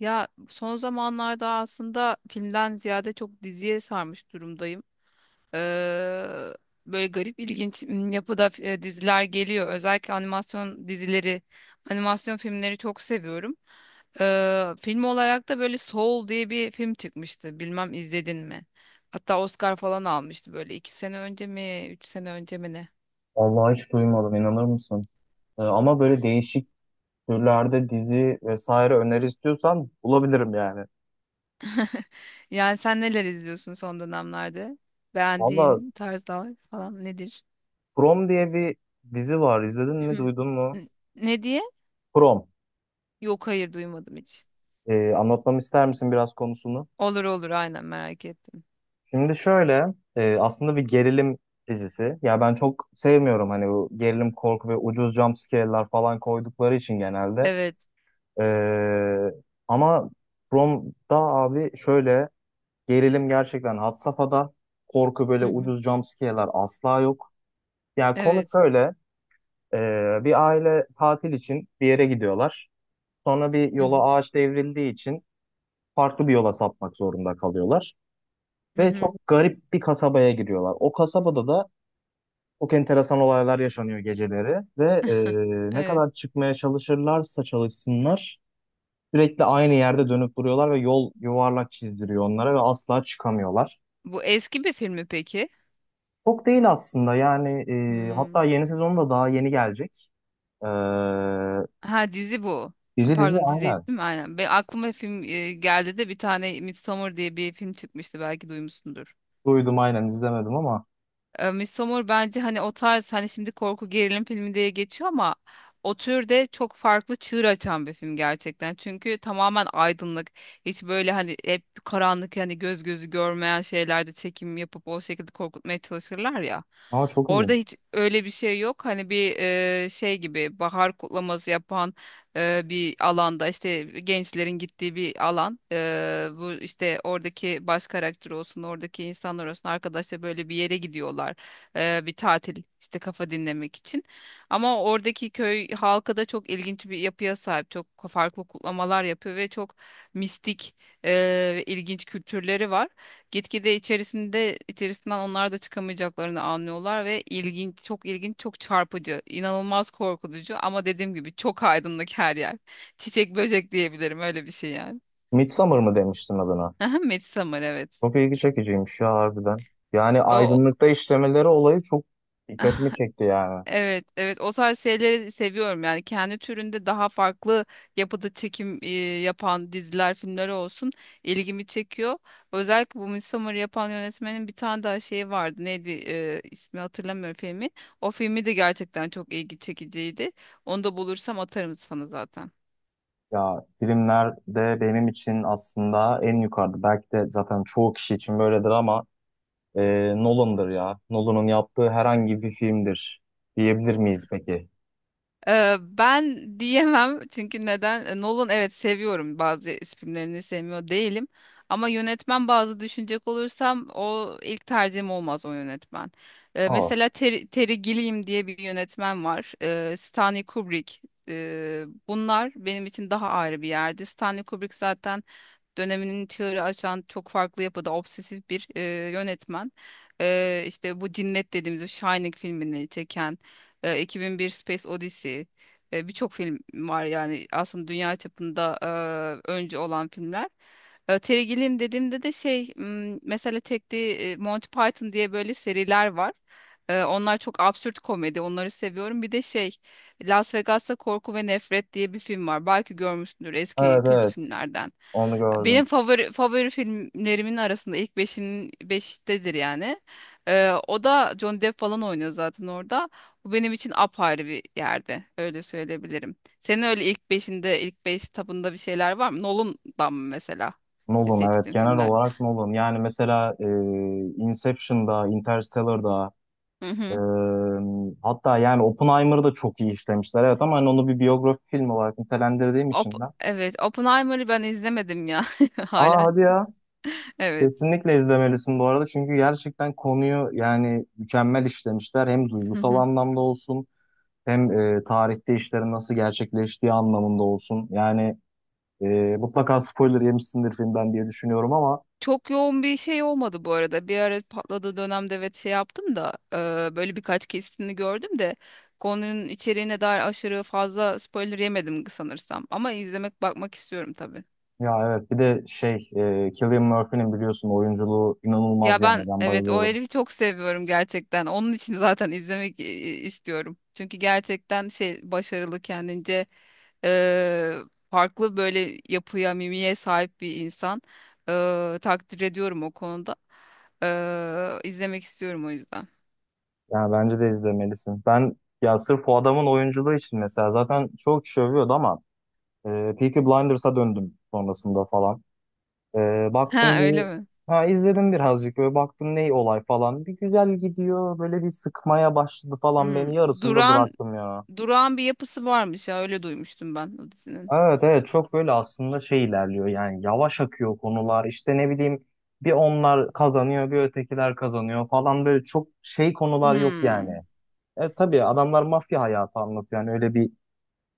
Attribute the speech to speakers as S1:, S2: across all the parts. S1: Ya son zamanlarda aslında filmden ziyade çok diziye sarmış durumdayım. Ee, böyle garip ilginç yapıda diziler geliyor. Özellikle animasyon dizileri, animasyon filmleri çok seviyorum. Film olarak da böyle Soul diye bir film çıkmıştı. Bilmem izledin mi? Hatta Oscar falan almıştı böyle iki sene önce mi, üç sene önce mi ne?
S2: Vallahi hiç duymadım inanır mısın? Ama böyle değişik türlerde dizi vesaire öneri istiyorsan bulabilirim yani.
S1: Yani sen neler izliyorsun son dönemlerde?
S2: Valla,
S1: Beğendiğin tarzlar falan nedir?
S2: Prom diye bir dizi var. İzledin mi, duydun mu?
S1: N- Ne diye?
S2: Prom.
S1: Yok hayır, duymadım hiç.
S2: Anlatmamı ister misin biraz konusunu?
S1: Olur olur, aynen merak ettim.
S2: Şimdi şöyle, aslında bir gerilim dizisi. Ya ben çok sevmiyorum hani bu gerilim, korku ve ucuz jump scare'lar falan koydukları için genelde.
S1: Evet.
S2: Ee, Ama Prom'da abi şöyle, gerilim gerçekten had safhada. Korku, böyle
S1: Hı hı.
S2: ucuz jumpscare'lar asla yok. Yani konu
S1: Evet.
S2: şöyle. Bir aile tatil için bir yere gidiyorlar. Sonra bir
S1: Hı
S2: yola
S1: hı.
S2: ağaç devrildiği için farklı bir yola sapmak zorunda kalıyorlar.
S1: Hı
S2: Ve
S1: hı.
S2: çok garip bir kasabaya giriyorlar. O kasabada da çok enteresan olaylar yaşanıyor geceleri. Ne
S1: Evet.
S2: kadar çıkmaya çalışırlarsa çalışsınlar sürekli aynı yerde dönüp duruyorlar ve yol yuvarlak çizdiriyor onlara ve asla çıkamıyorlar.
S1: Bu eski bir film mi peki?
S2: Çok değil aslında,
S1: Hmm.
S2: hatta yeni sezonu da daha yeni gelecek. Ee,
S1: Ha, dizi bu.
S2: Dizi, dizi,
S1: Pardon, dizi değil
S2: aynen.
S1: mi? Aynen. Be, aklıma film geldi de bir tane Midsommar diye bir film çıkmıştı, belki duymuşsundur.
S2: Duydum, aynen, izlemedim ama
S1: E, Midsommar bence hani o tarz, hani şimdi korku gerilim filmi diye geçiyor ama o türde çok farklı çığır açan bir film gerçekten. Çünkü tamamen aydınlık. Hiç böyle hani hep karanlık, hani göz gözü görmeyen şeylerde çekim yapıp o şekilde korkutmaya çalışırlar ya.
S2: çok
S1: Orada
S2: ilginç.
S1: hiç öyle bir şey yok. Hani bir şey gibi, bahar kutlaması yapan bir alanda, işte gençlerin gittiği bir alan. E, bu işte oradaki baş karakter olsun, oradaki insanlar olsun, arkadaşlar böyle bir yere gidiyorlar. E, bir tatil işte, kafa dinlemek için. Ama oradaki köy halkı da çok ilginç bir yapıya sahip. Çok farklı kutlamalar yapıyor ve çok mistik e, ve ilginç kültürleri var. Gitgide içerisinde içerisinden onlar da çıkamayacaklarını anlıyorlar ve ilginç, çok ilginç, çok çarpıcı, inanılmaz korkutucu ama dediğim gibi çok aydınlık her yer. Çiçek böcek diyebilirim, öyle bir şey yani.
S2: Midsommar mı demiştin adına?
S1: Aha, Midsommar evet.
S2: Çok ilgi çekiciymiş ya, harbiden. Yani
S1: O
S2: aydınlıkta işlemeleri olayı çok dikkatimi çekti yani.
S1: evet, evet o tarz şeyleri seviyorum yani kendi türünde daha farklı yapıda çekim yapan diziler, filmler olsun ilgimi çekiyor. Özellikle bu Midsommar'ı yapan yönetmenin bir tane daha şeyi vardı. Neydi, ismi hatırlamıyorum filmi. O filmi de gerçekten çok ilgi çekiciydi. Onu da bulursam atarım sana zaten.
S2: Ya, filmlerde benim için aslında en yukarıda. Belki de zaten çoğu kişi için böyledir ama Nolan'dır ya. Nolan'ın yaptığı herhangi bir filmdir diyebilir miyiz peki?
S1: Ben diyemem çünkü neden? Nolan evet seviyorum, bazı filmlerini sevmiyor değilim. Ama yönetmen bazı düşünecek olursam o ilk tercihim olmaz o yönetmen.
S2: Aa,
S1: Mesela Terry Gilliam diye bir yönetmen var. Stanley Kubrick. Bunlar benim için daha ayrı bir yerdi. Stanley Kubrick zaten döneminin çığırı açan çok farklı yapıda obsesif bir yönetmen. E, işte bu Cinnet dediğimiz o Shining filmini çeken, 2001 Space Odyssey, birçok film var yani aslında dünya çapında öncü olan filmler. E, Terry Gilliam dediğimde de mesela çektiği Monty Python diye böyle seriler var. E, onlar çok absürt komedi. Onları seviyorum. Bir de şey, Las Vegas'ta Korku ve Nefret diye bir film var. Belki görmüşsündür, eski
S2: evet
S1: kült
S2: evet,
S1: filmlerden.
S2: onu gördüm.
S1: Benim favori filmlerimin arasında ilk beşin beştedir yani. O da Johnny Depp falan oynuyor zaten orada. Bu benim için apayrı bir yerde. Öyle söyleyebilirim. Senin öyle ilk beşinde, ilk beş tabında bir şeyler var mı? Nolan'dan mı mesela
S2: Nolan, evet,
S1: seçtiğin
S2: genel
S1: filmler?
S2: olarak Nolan. Yani mesela, Inception'da, Interstellar'da,
S1: Hı
S2: e,
S1: hı.
S2: hatta yani Oppenheimer'ı da çok iyi işlemişler. Evet, ama hani onu bir biyografi filmi olarak nitelendirdiğim için ben.
S1: Evet, Oppenheimer'ı ben izlemedim ya
S2: Aa,
S1: halen.
S2: hadi ya.
S1: Evet.
S2: Kesinlikle izlemelisin bu arada. Çünkü gerçekten konuyu yani mükemmel işlemişler. Hem
S1: Hı
S2: duygusal
S1: hı.
S2: anlamda olsun, hem tarihte işlerin nasıl gerçekleştiği anlamında olsun. E, Mutlaka spoiler yemişsindir filmden diye düşünüyorum ama
S1: Çok yoğun bir şey olmadı bu arada. Bir ara patladığı dönemde, evet şey yaptım da böyle birkaç kesitini gördüm de konunun içeriğine dair aşırı fazla spoiler yemedim sanırsam. Ama izlemek bakmak istiyorum tabii.
S2: ya evet, bir de şey, Cillian Murphy'nin biliyorsun oyunculuğu inanılmaz,
S1: Ya ben,
S2: yani ben
S1: evet o
S2: bayılıyorum.
S1: herifi çok seviyorum gerçekten. Onun için zaten izlemek istiyorum. Çünkü gerçekten şey, başarılı kendince, e, farklı böyle yapıya, mimiye sahip bir insan. E, takdir ediyorum o konuda. E, izlemek istiyorum o yüzden.
S2: Yani bence de izlemelisin. Ben ya sırf o adamın oyunculuğu için mesela zaten çok kişi övüyordu ama e, Peaky Blinders'a döndüm sonrasında falan. E,
S1: Ha
S2: Baktım bir,
S1: öyle mi?
S2: ha, izledim birazcık, böyle baktım ne olay falan. Bir güzel gidiyor, böyle bir sıkmaya başladı falan
S1: Hmm.
S2: beni, yarısında
S1: Duran
S2: bıraktım ya.
S1: duran bir yapısı varmış ya, öyle duymuştum ben o dizinin.
S2: Evet evet, çok böyle aslında şey ilerliyor yani, yavaş akıyor konular, işte ne bileyim, bir onlar kazanıyor bir ötekiler kazanıyor falan, böyle çok şey konular yok yani.
S1: Hmm.
S2: E tabii adamlar mafya hayatı anlatıyor, yani öyle bir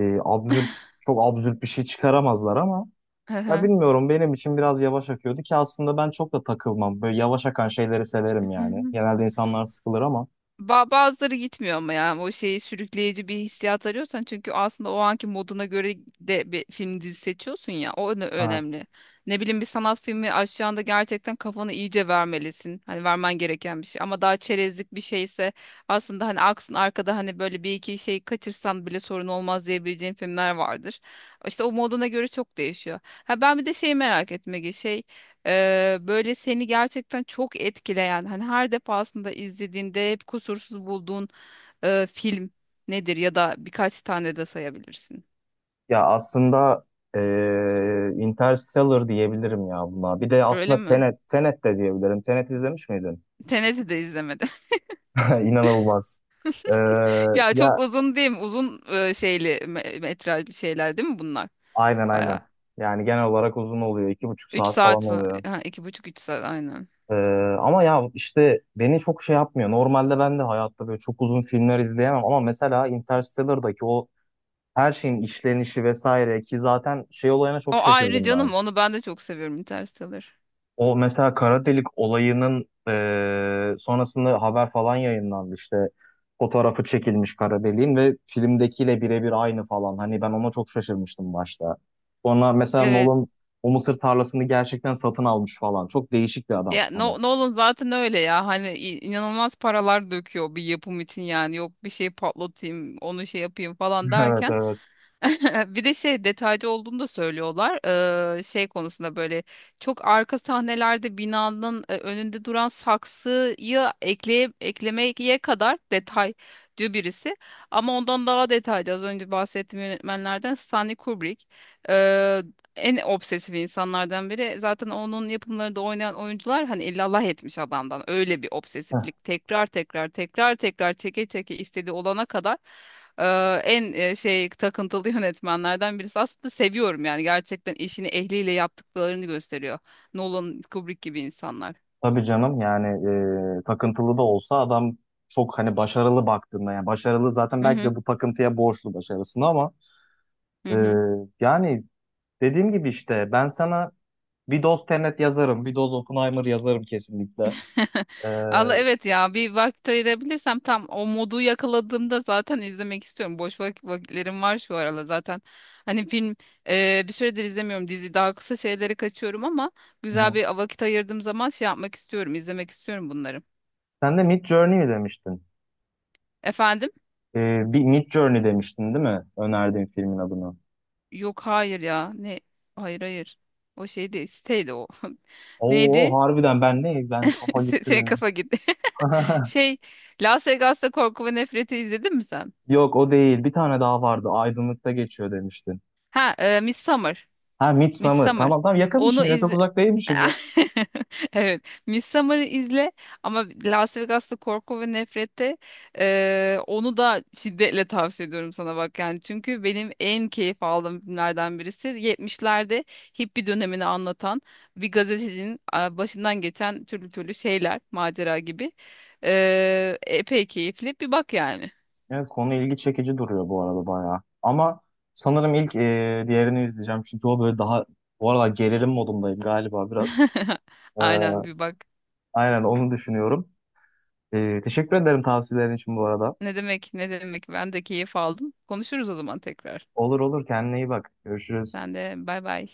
S2: absürt, çok absürt bir şey çıkaramazlar ama
S1: Hı
S2: ya
S1: hı.
S2: bilmiyorum, benim için biraz yavaş akıyordu ki aslında ben çok da takılmam, böyle yavaş akan şeyleri severim yani. Genelde insanlar sıkılır ama.
S1: Bazıları gitmiyor ama yani, o şeyi sürükleyici bir hissiyat arıyorsan çünkü aslında o anki moduna göre de bir film dizi seçiyorsun ya, o
S2: Ha.
S1: önemli. Ne bileyim, bir sanat filmi aşağında gerçekten kafanı iyice vermelisin. Hani vermen gereken bir şey ama daha çerezlik bir şeyse, aslında hani aksın arkada, hani böyle bir iki şey kaçırsan bile sorun olmaz diyebileceğin filmler vardır. İşte o moduna göre çok değişiyor. Ha ben bir de şeyi merak etme şey, böyle seni gerçekten çok etkileyen hani her defasında izlediğinde hep kusursuz bulduğun film nedir, ya da birkaç tane de sayabilirsin.
S2: Ya aslında Interstellar diyebilirim ya buna. Bir de
S1: Öyle
S2: aslında
S1: mi?
S2: Tenet, Tenet de diyebilirim. Tenet izlemiş miydin?
S1: Tenet'i de izlemedim.
S2: İnanılmaz. Eee,
S1: Ya çok
S2: Ya
S1: uzun değil mi? Uzun şeyli metrajlı şeyler değil mi bunlar?
S2: aynen, aynen.
S1: Bayağı.
S2: Yani genel olarak uzun oluyor. iki buçuk
S1: Üç
S2: saat falan
S1: saat falan.
S2: oluyor.
S1: Ha, iki buçuk üç saat aynen.
S2: Ama ya işte beni çok şey yapmıyor. Normalde ben de hayatta böyle çok uzun filmler izleyemem. Ama mesela Interstellar'daki o her şeyin işlenişi vesaire, ki zaten şey olayına
S1: O
S2: çok
S1: ayrı
S2: şaşırdım ben.
S1: canım, onu ben de çok seviyorum Interstellar.
S2: O mesela kara delik olayının sonrasında haber falan yayınlandı işte. Fotoğrafı çekilmiş kara deliğin ve filmdekiyle birebir aynı falan. Hani ben ona çok şaşırmıştım başta. Sonra mesela
S1: Evet.
S2: Nolan o mısır tarlasını gerçekten satın almış falan. Çok değişik bir adam
S1: Ya
S2: hani.
S1: Nolan zaten öyle ya, hani inanılmaz paralar döküyor bir yapım için, yani yok bir şey patlatayım onu şey yapayım falan
S2: Evet,
S1: derken
S2: evet.
S1: bir de şey, detaycı olduğunu da söylüyorlar. Şey konusunda böyle çok arka sahnelerde binanın önünde duran saksıyı eklemeye kadar detaycı birisi, ama ondan daha detaycı az önce bahsettiğim yönetmenlerden Stanley Kubrick. Ee, en obsesif insanlardan biri. Zaten onun yapımlarında oynayan oyuncular hani illallah etmiş adamdan. Öyle bir
S2: Heh.
S1: obsesiflik. Tekrar tekrar tekrar tekrar çeke çeke istediği olana kadar, e, en şey, takıntılı yönetmenlerden birisi. Aslında seviyorum yani, gerçekten işini ehliyle yaptıklarını gösteriyor. Nolan, Kubrick gibi insanlar.
S2: Tabii canım, yani takıntılı da olsa adam çok hani başarılı baktığında, yani başarılı zaten,
S1: Hı
S2: belki
S1: hı.
S2: de bu takıntıya borçlu başarısını ama
S1: Hı hı.
S2: eee, yani dediğim gibi, işte ben sana bir doz Tenet yazarım. Bir doz Oppenheimer yazarım kesinlikle. Ee,
S1: Allah, evet ya bir vakit ayırabilirsem tam o modu yakaladığımda zaten izlemek istiyorum. Boş vakitlerim var şu aralar zaten. Hani film, bir süredir izlemiyorum, dizi daha kısa şeyleri kaçıyorum ama güzel
S2: hı.
S1: bir vakit ayırdığım zaman şey yapmak istiyorum, izlemek istiyorum bunları.
S2: Sen de Mid Journey mi demiştin?
S1: Efendim?
S2: Bir Mid Journey demiştin değil mi? Önerdiğin filmin adını.
S1: Yok hayır ya ne, hayır hayır, o şeydi, siteydi o.
S2: Oo,
S1: Neydi?
S2: harbiden ben ne? Ben, kafa gitti
S1: Senin
S2: benim.
S1: kafa gitti. Şey, Las Vegas'ta Korku ve Nefret'i izledin mi sen?
S2: Yok, o değil. Bir tane daha vardı. Aydınlıkta geçiyor demiştin.
S1: Ha, Midsummer.
S2: Ha, Midsummer.
S1: Midsommar.
S2: Tamam, tamam,
S1: Onu
S2: yakınmışım ya. Çok
S1: izle.
S2: uzak değilmişim ya.
S1: Evet. Midsommar'ı izle ama Las Vegas'ta Korku ve Nefret'te, onu da şiddetle tavsiye ediyorum sana, bak yani. Çünkü benim en keyif aldığım filmlerden birisi. 70'lerde hippie dönemini anlatan bir gazetecinin, başından geçen türlü türlü şeyler, macera gibi. Epey keyifli. Bir bak yani.
S2: Evet, konu ilgi çekici duruyor bu arada bayağı. Ama sanırım ilk, diğerini izleyeceğim. Çünkü o böyle daha, bu arada gerilim modundayım galiba biraz. Ee,
S1: Aynen, bir bak.
S2: aynen, onu düşünüyorum. Teşekkür ederim tavsiyelerin için bu arada.
S1: Ne demek ne demek, ben de keyif aldım. Konuşuruz o zaman tekrar.
S2: Olur, olur, kendine iyi bak. Görüşürüz.
S1: Sen de bay bay.